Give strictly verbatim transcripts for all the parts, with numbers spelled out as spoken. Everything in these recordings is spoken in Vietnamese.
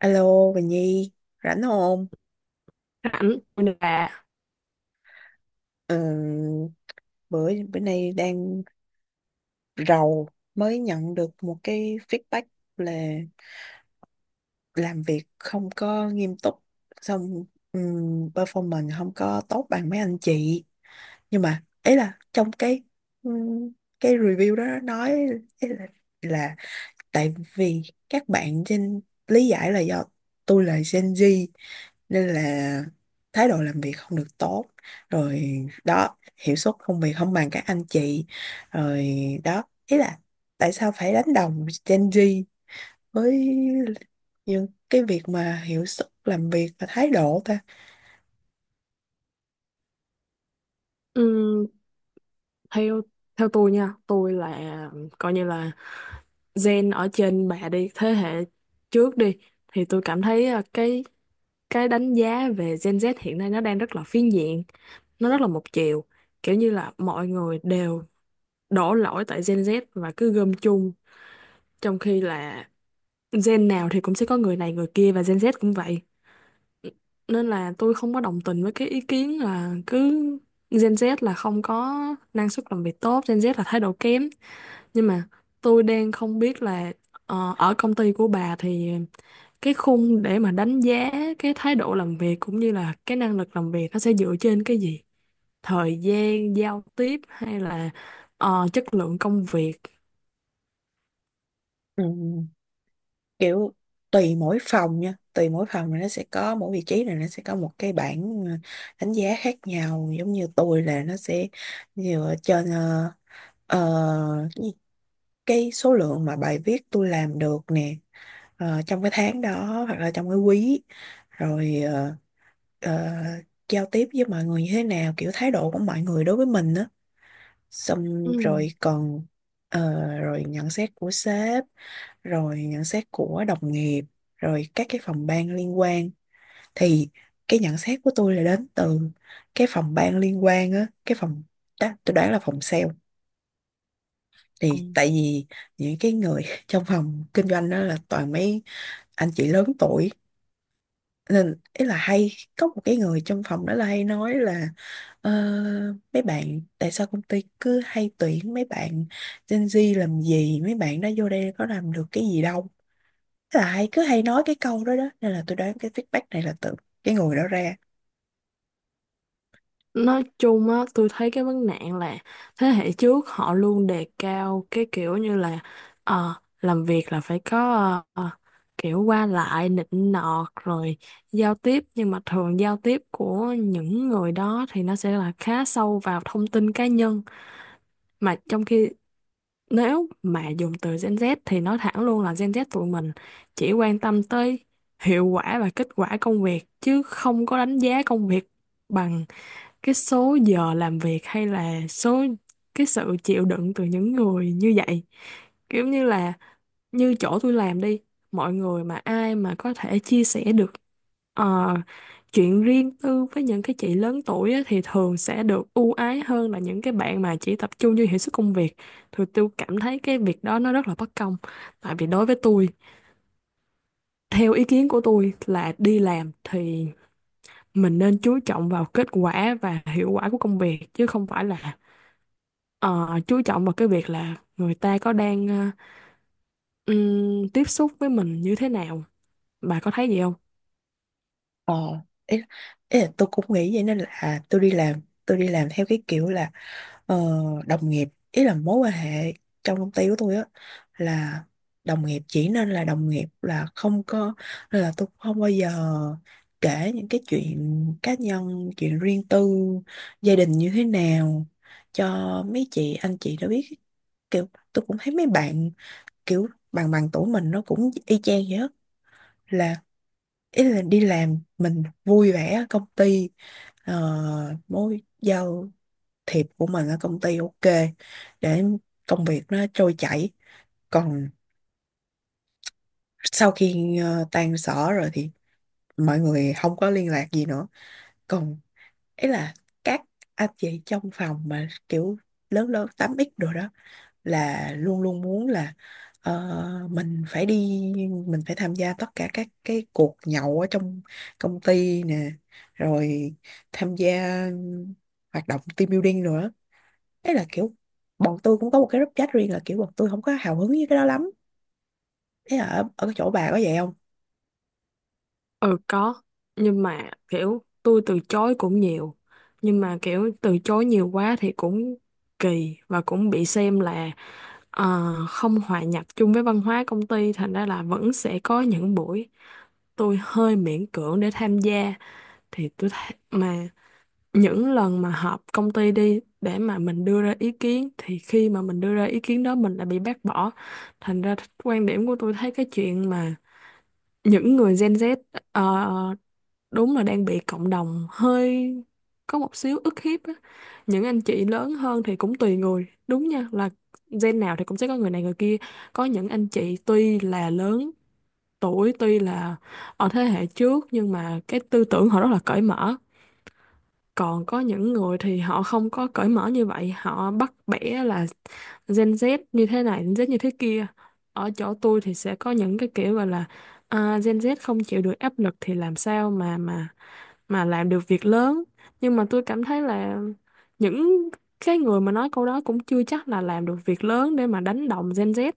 Alo, Bình Nhi, rảnh không? Ảnh là Ừ, bữa bữa nay đang rầu, mới nhận được một cái feedback là làm việc không có nghiêm túc, xong ừm, performance không có tốt bằng mấy anh chị. Nhưng mà ấy là trong cái ừm, cái review đó nói ý là, là tại vì các bạn trên lý giải là do tôi là Gen Z, nên là thái độ làm việc không được tốt, rồi đó hiệu suất công việc không bằng các anh chị, rồi đó ý là tại sao phải đánh đồng Gen Z với những cái việc mà hiệu suất làm việc và thái độ ta. ừm, theo theo tôi nha, tôi là coi như là gen ở trên bà đi, thế hệ trước đi, thì tôi cảm thấy ờ, cái cái đánh giá về Gen Z hiện nay nó đang rất là phiến diện, nó rất là một chiều, kiểu như là mọi người đều đổ lỗi tại Gen Z và cứ gom chung, trong khi là gen nào thì cũng sẽ có người này người kia, và Gen Z cũng vậy. Nên là tôi không có đồng tình với cái ý kiến là cứ Gen Z là không có năng suất làm việc tốt, Gen Z là thái độ kém. Nhưng mà tôi đang không biết là ờ, ở công ty của bà thì cái khung để mà đánh giá cái thái độ làm việc cũng như là cái năng lực làm việc nó sẽ dựa trên cái gì? Thời gian giao tiếp hay là ờ, chất lượng công việc? Ừ, kiểu tùy mỗi phòng nha, tùy mỗi phòng là nó sẽ có mỗi vị trí là nó sẽ có một cái bảng ờ, đánh giá khác nhau, giống như tôi là nó sẽ dựa trên uh, cái số lượng mà bài viết tôi làm được nè, ờ, trong cái tháng đó hoặc là trong cái quý, rồi ờ, ờ, giao tiếp với mọi người như thế nào, kiểu thái độ của mọi người đối với mình á, xong rồi còn ờ, rồi nhận xét của sếp, rồi nhận xét của đồng nghiệp, rồi các cái phòng ban liên quan. Thì cái nhận xét của tôi là đến từ cái phòng ban liên quan á, cái phòng ta- tôi đoán là phòng sale. Ừ. Thì tại vì những cái người trong phòng kinh doanh đó là toàn mấy anh chị lớn tuổi, nên ý là hay có một cái người trong phòng đó là hay nói là "Ờ, mấy bạn tại sao công ty cứ hay tuyển mấy bạn Gen Z làm gì, mấy bạn đó vô đây có làm được cái gì đâu", là hay cứ hay nói cái câu đó đó, nên là tôi đoán cái feedback này là từ cái người đó ra. Nói chung á, tôi thấy cái vấn nạn là thế hệ trước họ luôn đề cao cái kiểu như là ờ, làm việc là phải có ờ, kiểu qua lại nịnh nọt, rồi giao tiếp, nhưng mà thường giao tiếp của những người đó thì nó sẽ là khá sâu vào thông tin cá nhân. Mà trong khi nếu mà dùng từ Gen Z thì nói thẳng luôn là Gen Z tụi mình chỉ quan tâm tới hiệu quả và kết quả công việc, chứ không có đánh giá công việc bằng cái số giờ làm việc hay là số cái sự chịu đựng từ những người như vậy. Kiểu như là như chỗ tôi làm đi, mọi người mà ai mà có thể chia sẻ được ờ, chuyện riêng tư với những cái chị lớn tuổi á, thì thường sẽ được ưu ái hơn là những cái bạn mà chỉ tập trung vô hiệu suất công việc. Thì tôi cảm thấy cái việc đó nó rất là bất công, tại vì đối với tôi, theo ý kiến của tôi là đi làm thì mình nên chú trọng vào kết quả và hiệu quả của công việc, chứ không phải là ờ, chú trọng vào cái việc là người ta có đang ờ, ừm, tiếp xúc với mình như thế nào. Bà có thấy gì không? Ờ, ý, ý là tôi cũng nghĩ vậy, nên là tôi đi làm tôi đi làm theo cái kiểu là, ờ, đồng nghiệp, ý là mối quan hệ trong công ty của tôi á, là đồng nghiệp chỉ nên là đồng nghiệp, là không có, là tôi không bao giờ kể những cái chuyện cá nhân, chuyện riêng tư, gia đình như thế nào cho mấy chị anh chị đã biết. Kiểu tôi cũng thấy mấy bạn kiểu bằng bằng tuổi mình nó cũng y chang vậy á. Là ý là đi làm mình vui vẻ ở công ty, uh, mối giao thiệp của mình ở công ty ok, để công việc nó trôi chảy, còn sau khi ờ, tan sở rồi thì mọi người không có liên lạc gì nữa. Còn ấy là các anh chị trong phòng mà kiểu lớn lớn tám x rồi đó là luôn luôn muốn là, ờ, mình phải đi, mình phải tham gia tất cả các cái cuộc nhậu ở trong công ty nè, rồi tham gia hoạt động team building nữa. Thế là kiểu bọn tôi cũng có một cái group chat riêng, là kiểu bọn tôi không có hào hứng với cái đó lắm. Thế là ở, ở cái chỗ bà có vậy không? Ừ có, nhưng mà kiểu tôi từ chối cũng nhiều. Nhưng mà kiểu từ chối nhiều quá thì cũng kỳ và cũng bị xem là ờ, không hòa nhập chung với văn hóa công ty, thành ra là vẫn sẽ có những buổi tôi hơi miễn cưỡng để tham gia. Thì tôi thấy mà những lần mà họp công ty đi, để mà mình đưa ra ý kiến, thì khi mà mình đưa ra ý kiến đó mình lại bị bác bỏ. Thành ra quan điểm của tôi thấy cái chuyện mà những người Gen Z ờ, đúng là đang bị cộng đồng hơi có một xíu ức hiếp á. Những anh chị lớn hơn thì cũng tùy người đúng nha, là gen nào thì cũng sẽ có người này người kia. Có những anh chị tuy là lớn tuổi, tuy là ở thế hệ trước, nhưng mà cái tư tưởng họ rất là cởi mở. Còn có những người thì họ không có cởi mở như vậy, họ bắt bẻ là Gen Z như thế này, Gen Z như thế kia. Ở chỗ tôi thì sẽ có những cái kiểu gọi là à, Gen Z không chịu được áp lực thì làm sao mà mà mà làm được việc lớn. Nhưng mà tôi cảm thấy là những cái người mà nói câu đó cũng chưa chắc là làm được việc lớn để mà đánh đồng Gen Z.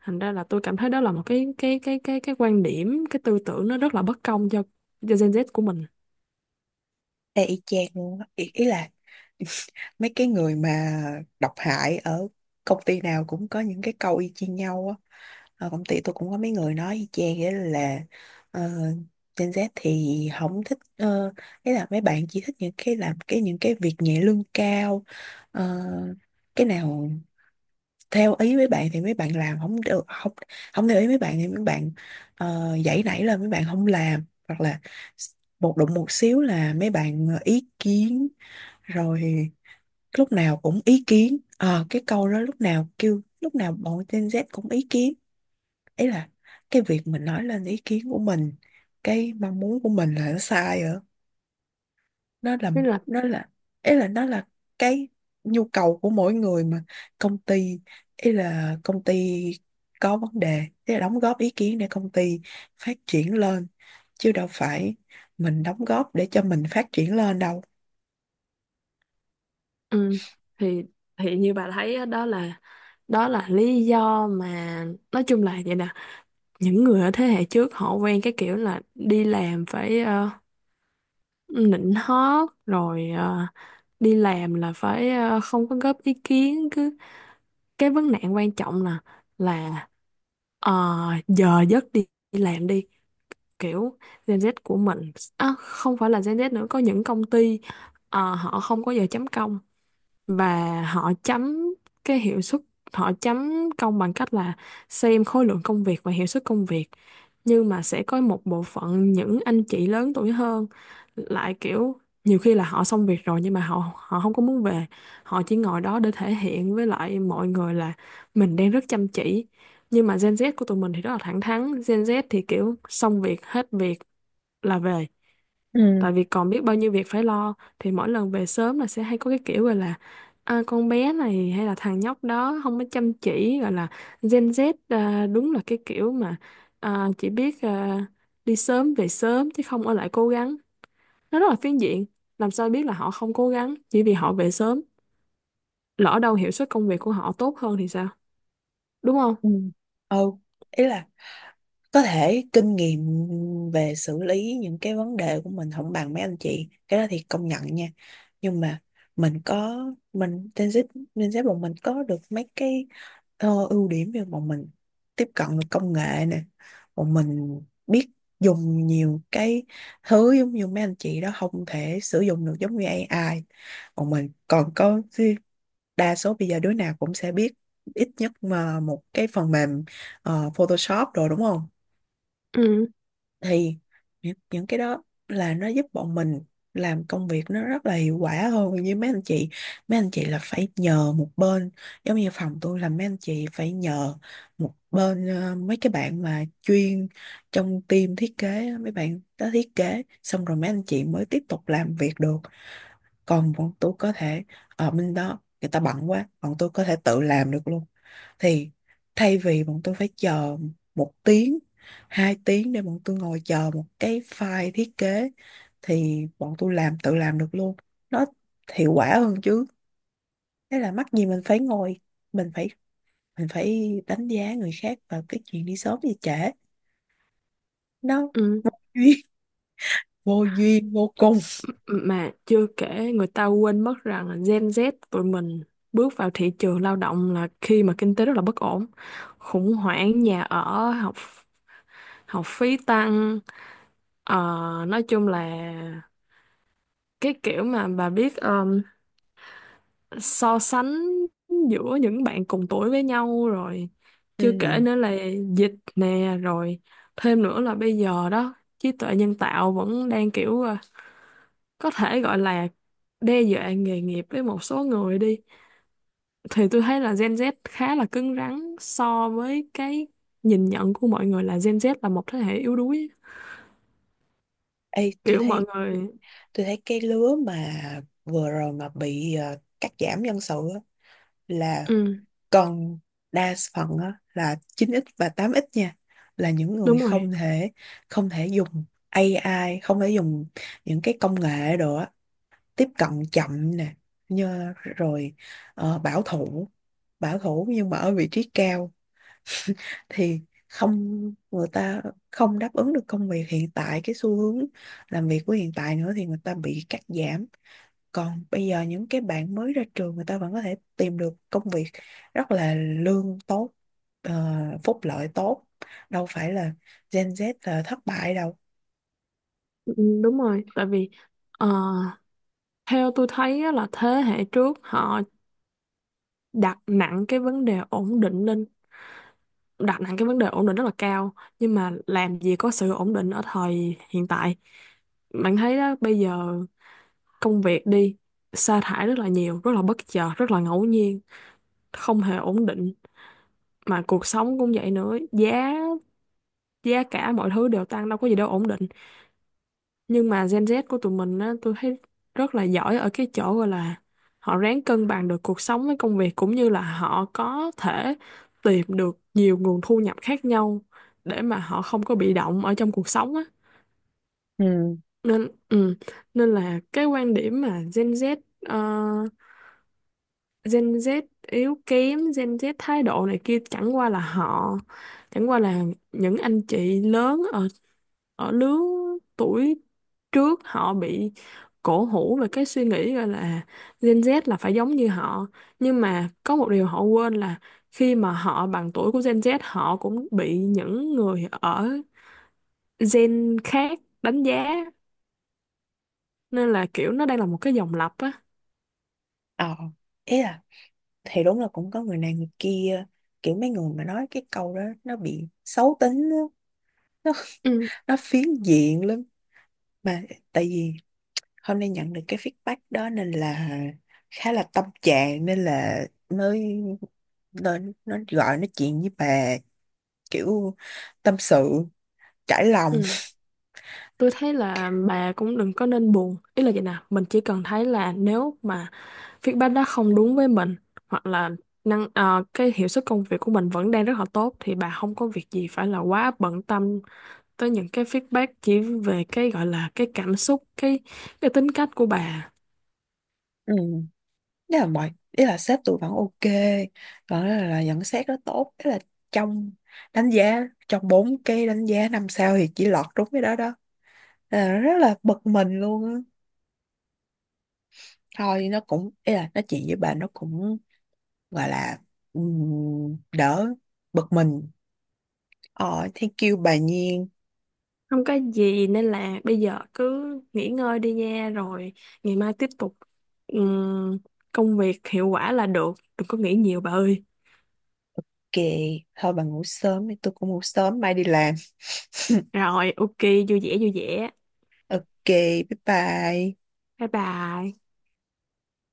Thành ra là tôi cảm thấy đó là một cái cái cái cái cái quan điểm, cái tư tưởng nó rất là bất công cho cho Gen Z của mình. Ê, y chang luôn á. ý, ý là mấy cái người mà độc hại ở công ty nào cũng có những cái câu y chang nhau á. Ở công ty tôi cũng có mấy người nói y chang vậy, là ờ, Gen Z thì không thích, uh, ý là mấy bạn chỉ thích những cái làm cái những cái việc nhẹ lương cao. Ờ, cái nào theo ý mấy bạn thì mấy bạn làm không được, không không theo ý mấy bạn thì mấy bạn, ờ, dãy nảy, là mấy bạn không làm, hoặc là s- một đụng một xíu là mấy bạn ờ, ý kiến, rồi lúc nào cũng ý kiến. Ờ, cái câu đó lúc nào kêu lúc nào bọn Gen Z cũng ý kiến, ấy là cái việc mình nói lên ý kiến của mình, cái mong muốn của mình là nó sai. nó là Nên là. nó là ý là nó là cái nhu cầu của mỗi người mà. Công ty, ý là công ty có vấn đề, ý là đóng góp ý kiến để công ty phát triển lên, chứ đâu phải mình đóng góp để cho mình phát triển lên đâu. Ừ. Thì thì như bà thấy á, đó là đó là lý do mà, nói chung là vậy nè, những người ở thế hệ trước họ quen cái kiểu là đi làm phải ờ, nịnh hót, rồi ờ, đi làm là phải ờ, không có góp ý kiến, cứ cái vấn nạn quan trọng là là ờ, giờ giấc đi, đi làm đi, kiểu Gen Z của mình, à, không phải là Gen Z nữa, có những công ty ờ, họ không có giờ chấm công, và họ chấm cái hiệu suất, họ chấm công bằng cách là xem khối lượng công việc và hiệu suất công việc. Nhưng mà sẽ có một bộ phận những anh chị lớn tuổi hơn lại kiểu nhiều khi là họ xong việc rồi nhưng mà họ họ không có muốn về, họ chỉ ngồi đó để thể hiện với lại mọi người là mình đang rất chăm chỉ. Nhưng mà Gen Z của tụi mình thì rất là thẳng thắn, Gen Z thì kiểu xong việc hết việc là về, ừ tại vì còn biết bao nhiêu việc phải lo. Thì mỗi lần về sớm là sẽ hay có cái kiểu gọi là à, con bé này hay là thằng nhóc đó không có chăm chỉ, gọi là Gen Z à, đúng là cái kiểu mà à, chỉ biết à, đi sớm về sớm chứ không ở lại cố gắng. Nó rất là phiến diện, làm sao biết là họ không cố gắng chỉ vì họ về sớm, lỡ đâu hiệu suất công việc của họ tốt hơn thì sao, đúng không? ừ ừ Ý là có thể kinh nghiệm về xử lý những cái vấn đề của mình không bằng mấy anh chị, cái đó thì công nhận nha. Nhưng mà mình có, mình Gen Z Gen Z bọn mình có được mấy cái ờ, ưu điểm, như bọn mình tiếp cận được công nghệ nè, bọn mình biết dùng nhiều cái thứ giống như mấy anh chị đó không thể sử dụng được, giống như A I. Bọn mình còn có, đa số bây giờ đứa nào cũng sẽ biết ít nhất mà một cái phần mềm ờ, Photoshop rồi đúng không? Ừ. Thì những những cái đó là nó giúp bọn mình làm công việc nó rất là hiệu quả hơn, như mấy anh chị, mấy anh chị là phải nhờ một bên, giống như phòng tôi là mấy anh chị phải nhờ một bên ờ, mấy cái bạn mà chuyên trong team thiết kế á, mấy bạn đó thiết kế xong rồi mấy anh chị mới tiếp tục làm việc được. Còn bọn tôi có thể, ở bên đó người ta bận quá, bọn tôi có thể tự làm được luôn. Thì thay vì bọn tôi phải chờ một tiếng, hai tiếng, để bọn tôi ngồi chờ một cái file thiết kế, thì bọn tôi làm tự làm được luôn, nó hiệu quả hơn chứ. Thế là mắc gì mình phải ngồi, mình phải mình phải đánh giá người khác vào cái chuyện đi sớm gì trễ, nó Ừ. duyên, vô duyên vô cùng. Mà chưa kể người ta quên mất rằng là Gen Z tụi mình bước vào thị trường lao động là khi mà kinh tế rất là bất ổn, khủng hoảng nhà ở, học học phí tăng. Ờ, nói chung là cái kiểu mà bà biết, so sánh giữa những bạn cùng tuổi với nhau rồi, chưa kể Ừ. nữa là dịch nè, rồi thêm nữa là bây giờ đó trí tuệ nhân tạo vẫn đang kiểu ờ, có thể gọi là đe dọa nghề nghiệp với một số người đi. Thì tôi thấy là Gen Z khá là cứng rắn so với cái nhìn nhận của mọi người là Gen Z là một thế hệ yếu đuối. Ê, tôi Kiểu mọi thấy người. tôi thấy cái lứa mà vừa rồi mà bị ờ, cắt giảm nhân sự á, là Ừ, còn đa phần á, là chín x và tám x nha, là những người đúng rồi. không thể không thể dùng ây ai, không thể dùng những cái công nghệ đồ á, tiếp cận chậm nè, như rồi ờ, bảo thủ bảo thủ nhưng mà ở vị trí cao, thì không, người ta không đáp ứng được công việc hiện tại, cái xu hướng làm việc của hiện tại nữa, thì người ta bị cắt giảm. Còn bây giờ những cái bạn mới ra trường người ta vẫn có thể tìm được công việc rất là lương tốt, ờ, phúc lợi tốt, đâu phải là Gen Z là thất bại đâu. Ừ, đúng rồi, tại vì ờ, theo tôi thấy á là thế hệ trước họ đặt nặng cái vấn đề ổn định lên, đặt nặng cái vấn đề ổn định rất là cao. Nhưng mà làm gì có sự ổn định ở thời hiện tại, bạn thấy đó, bây giờ công việc đi, sa thải rất là nhiều, rất là bất chợt, rất là ngẫu nhiên, không hề ổn định. Mà cuộc sống cũng vậy nữa, giá giá cả mọi thứ đều tăng, đâu có gì đâu ổn định. Nhưng mà Gen Z của tụi mình á, tôi thấy rất là giỏi ở cái chỗ gọi là họ ráng cân bằng được cuộc sống với công việc, cũng như là họ có thể tìm được nhiều nguồn thu nhập khác nhau để mà họ không có bị động ở trong cuộc sống á. Ừ. nên ừ, nên là cái quan điểm mà Gen Z ờ, Gen Z yếu kém, Gen Z thái độ này kia, chẳng qua là họ, chẳng qua là những anh chị lớn ở ở lứa tuổi trước họ bị cổ hủ về cái suy nghĩ, gọi là Gen Z là phải giống như họ. Nhưng mà có một điều họ quên là khi mà họ bằng tuổi của Gen Z, họ cũng bị những người ở gen khác đánh giá, nên là kiểu nó đang là một cái dòng lặp á. ờ Ý là thì đúng là cũng có người này người kia, kiểu mấy người mà nói cái câu đó nó bị xấu tính á, nó Ừ. nó phiến diện lắm. Mà tại vì hôm nay nhận được cái feedback đó nên là khá là tâm trạng, nên là mới, nên nó gọi nói chuyện với bà, kiểu tâm sự, trải lòng. Ừ. Tôi thấy là bà cũng đừng có nên buồn. Ý là vậy nè, mình chỉ cần thấy là nếu mà feedback đó không đúng với mình, hoặc là năng ờ, cái hiệu suất công việc của mình vẫn đang rất là tốt, thì bà không có việc gì phải là quá bận tâm tới những cái feedback chỉ về cái gọi là cái cảm xúc, cái cái tính cách của bà. Ừ. Thế là mọi, ý là sếp tôi vẫn ok, còn là, là nhận xét đó tốt. Thế là trong đánh giá, trong bốn cái đánh giá năm sao thì chỉ lọt đúng cái đó đó. Thế là rất là bực mình luôn á. Thôi nó cũng, ý là nói chuyện với bà nó cũng gọi là, ừm, đỡ bực mình. Ờ, thank you bà Nhiên. Không có gì, nên là bây giờ cứ nghỉ ngơi đi nha, rồi ngày mai tiếp tục ừm, công việc hiệu quả là được. Đừng có nghĩ nhiều bà ơi. Kì thôi, bà ngủ sớm đi, tôi cũng ngủ sớm mai đi làm. Rồi, ok, vui vẻ vui vẻ. Ok, bye bye. Bye bye.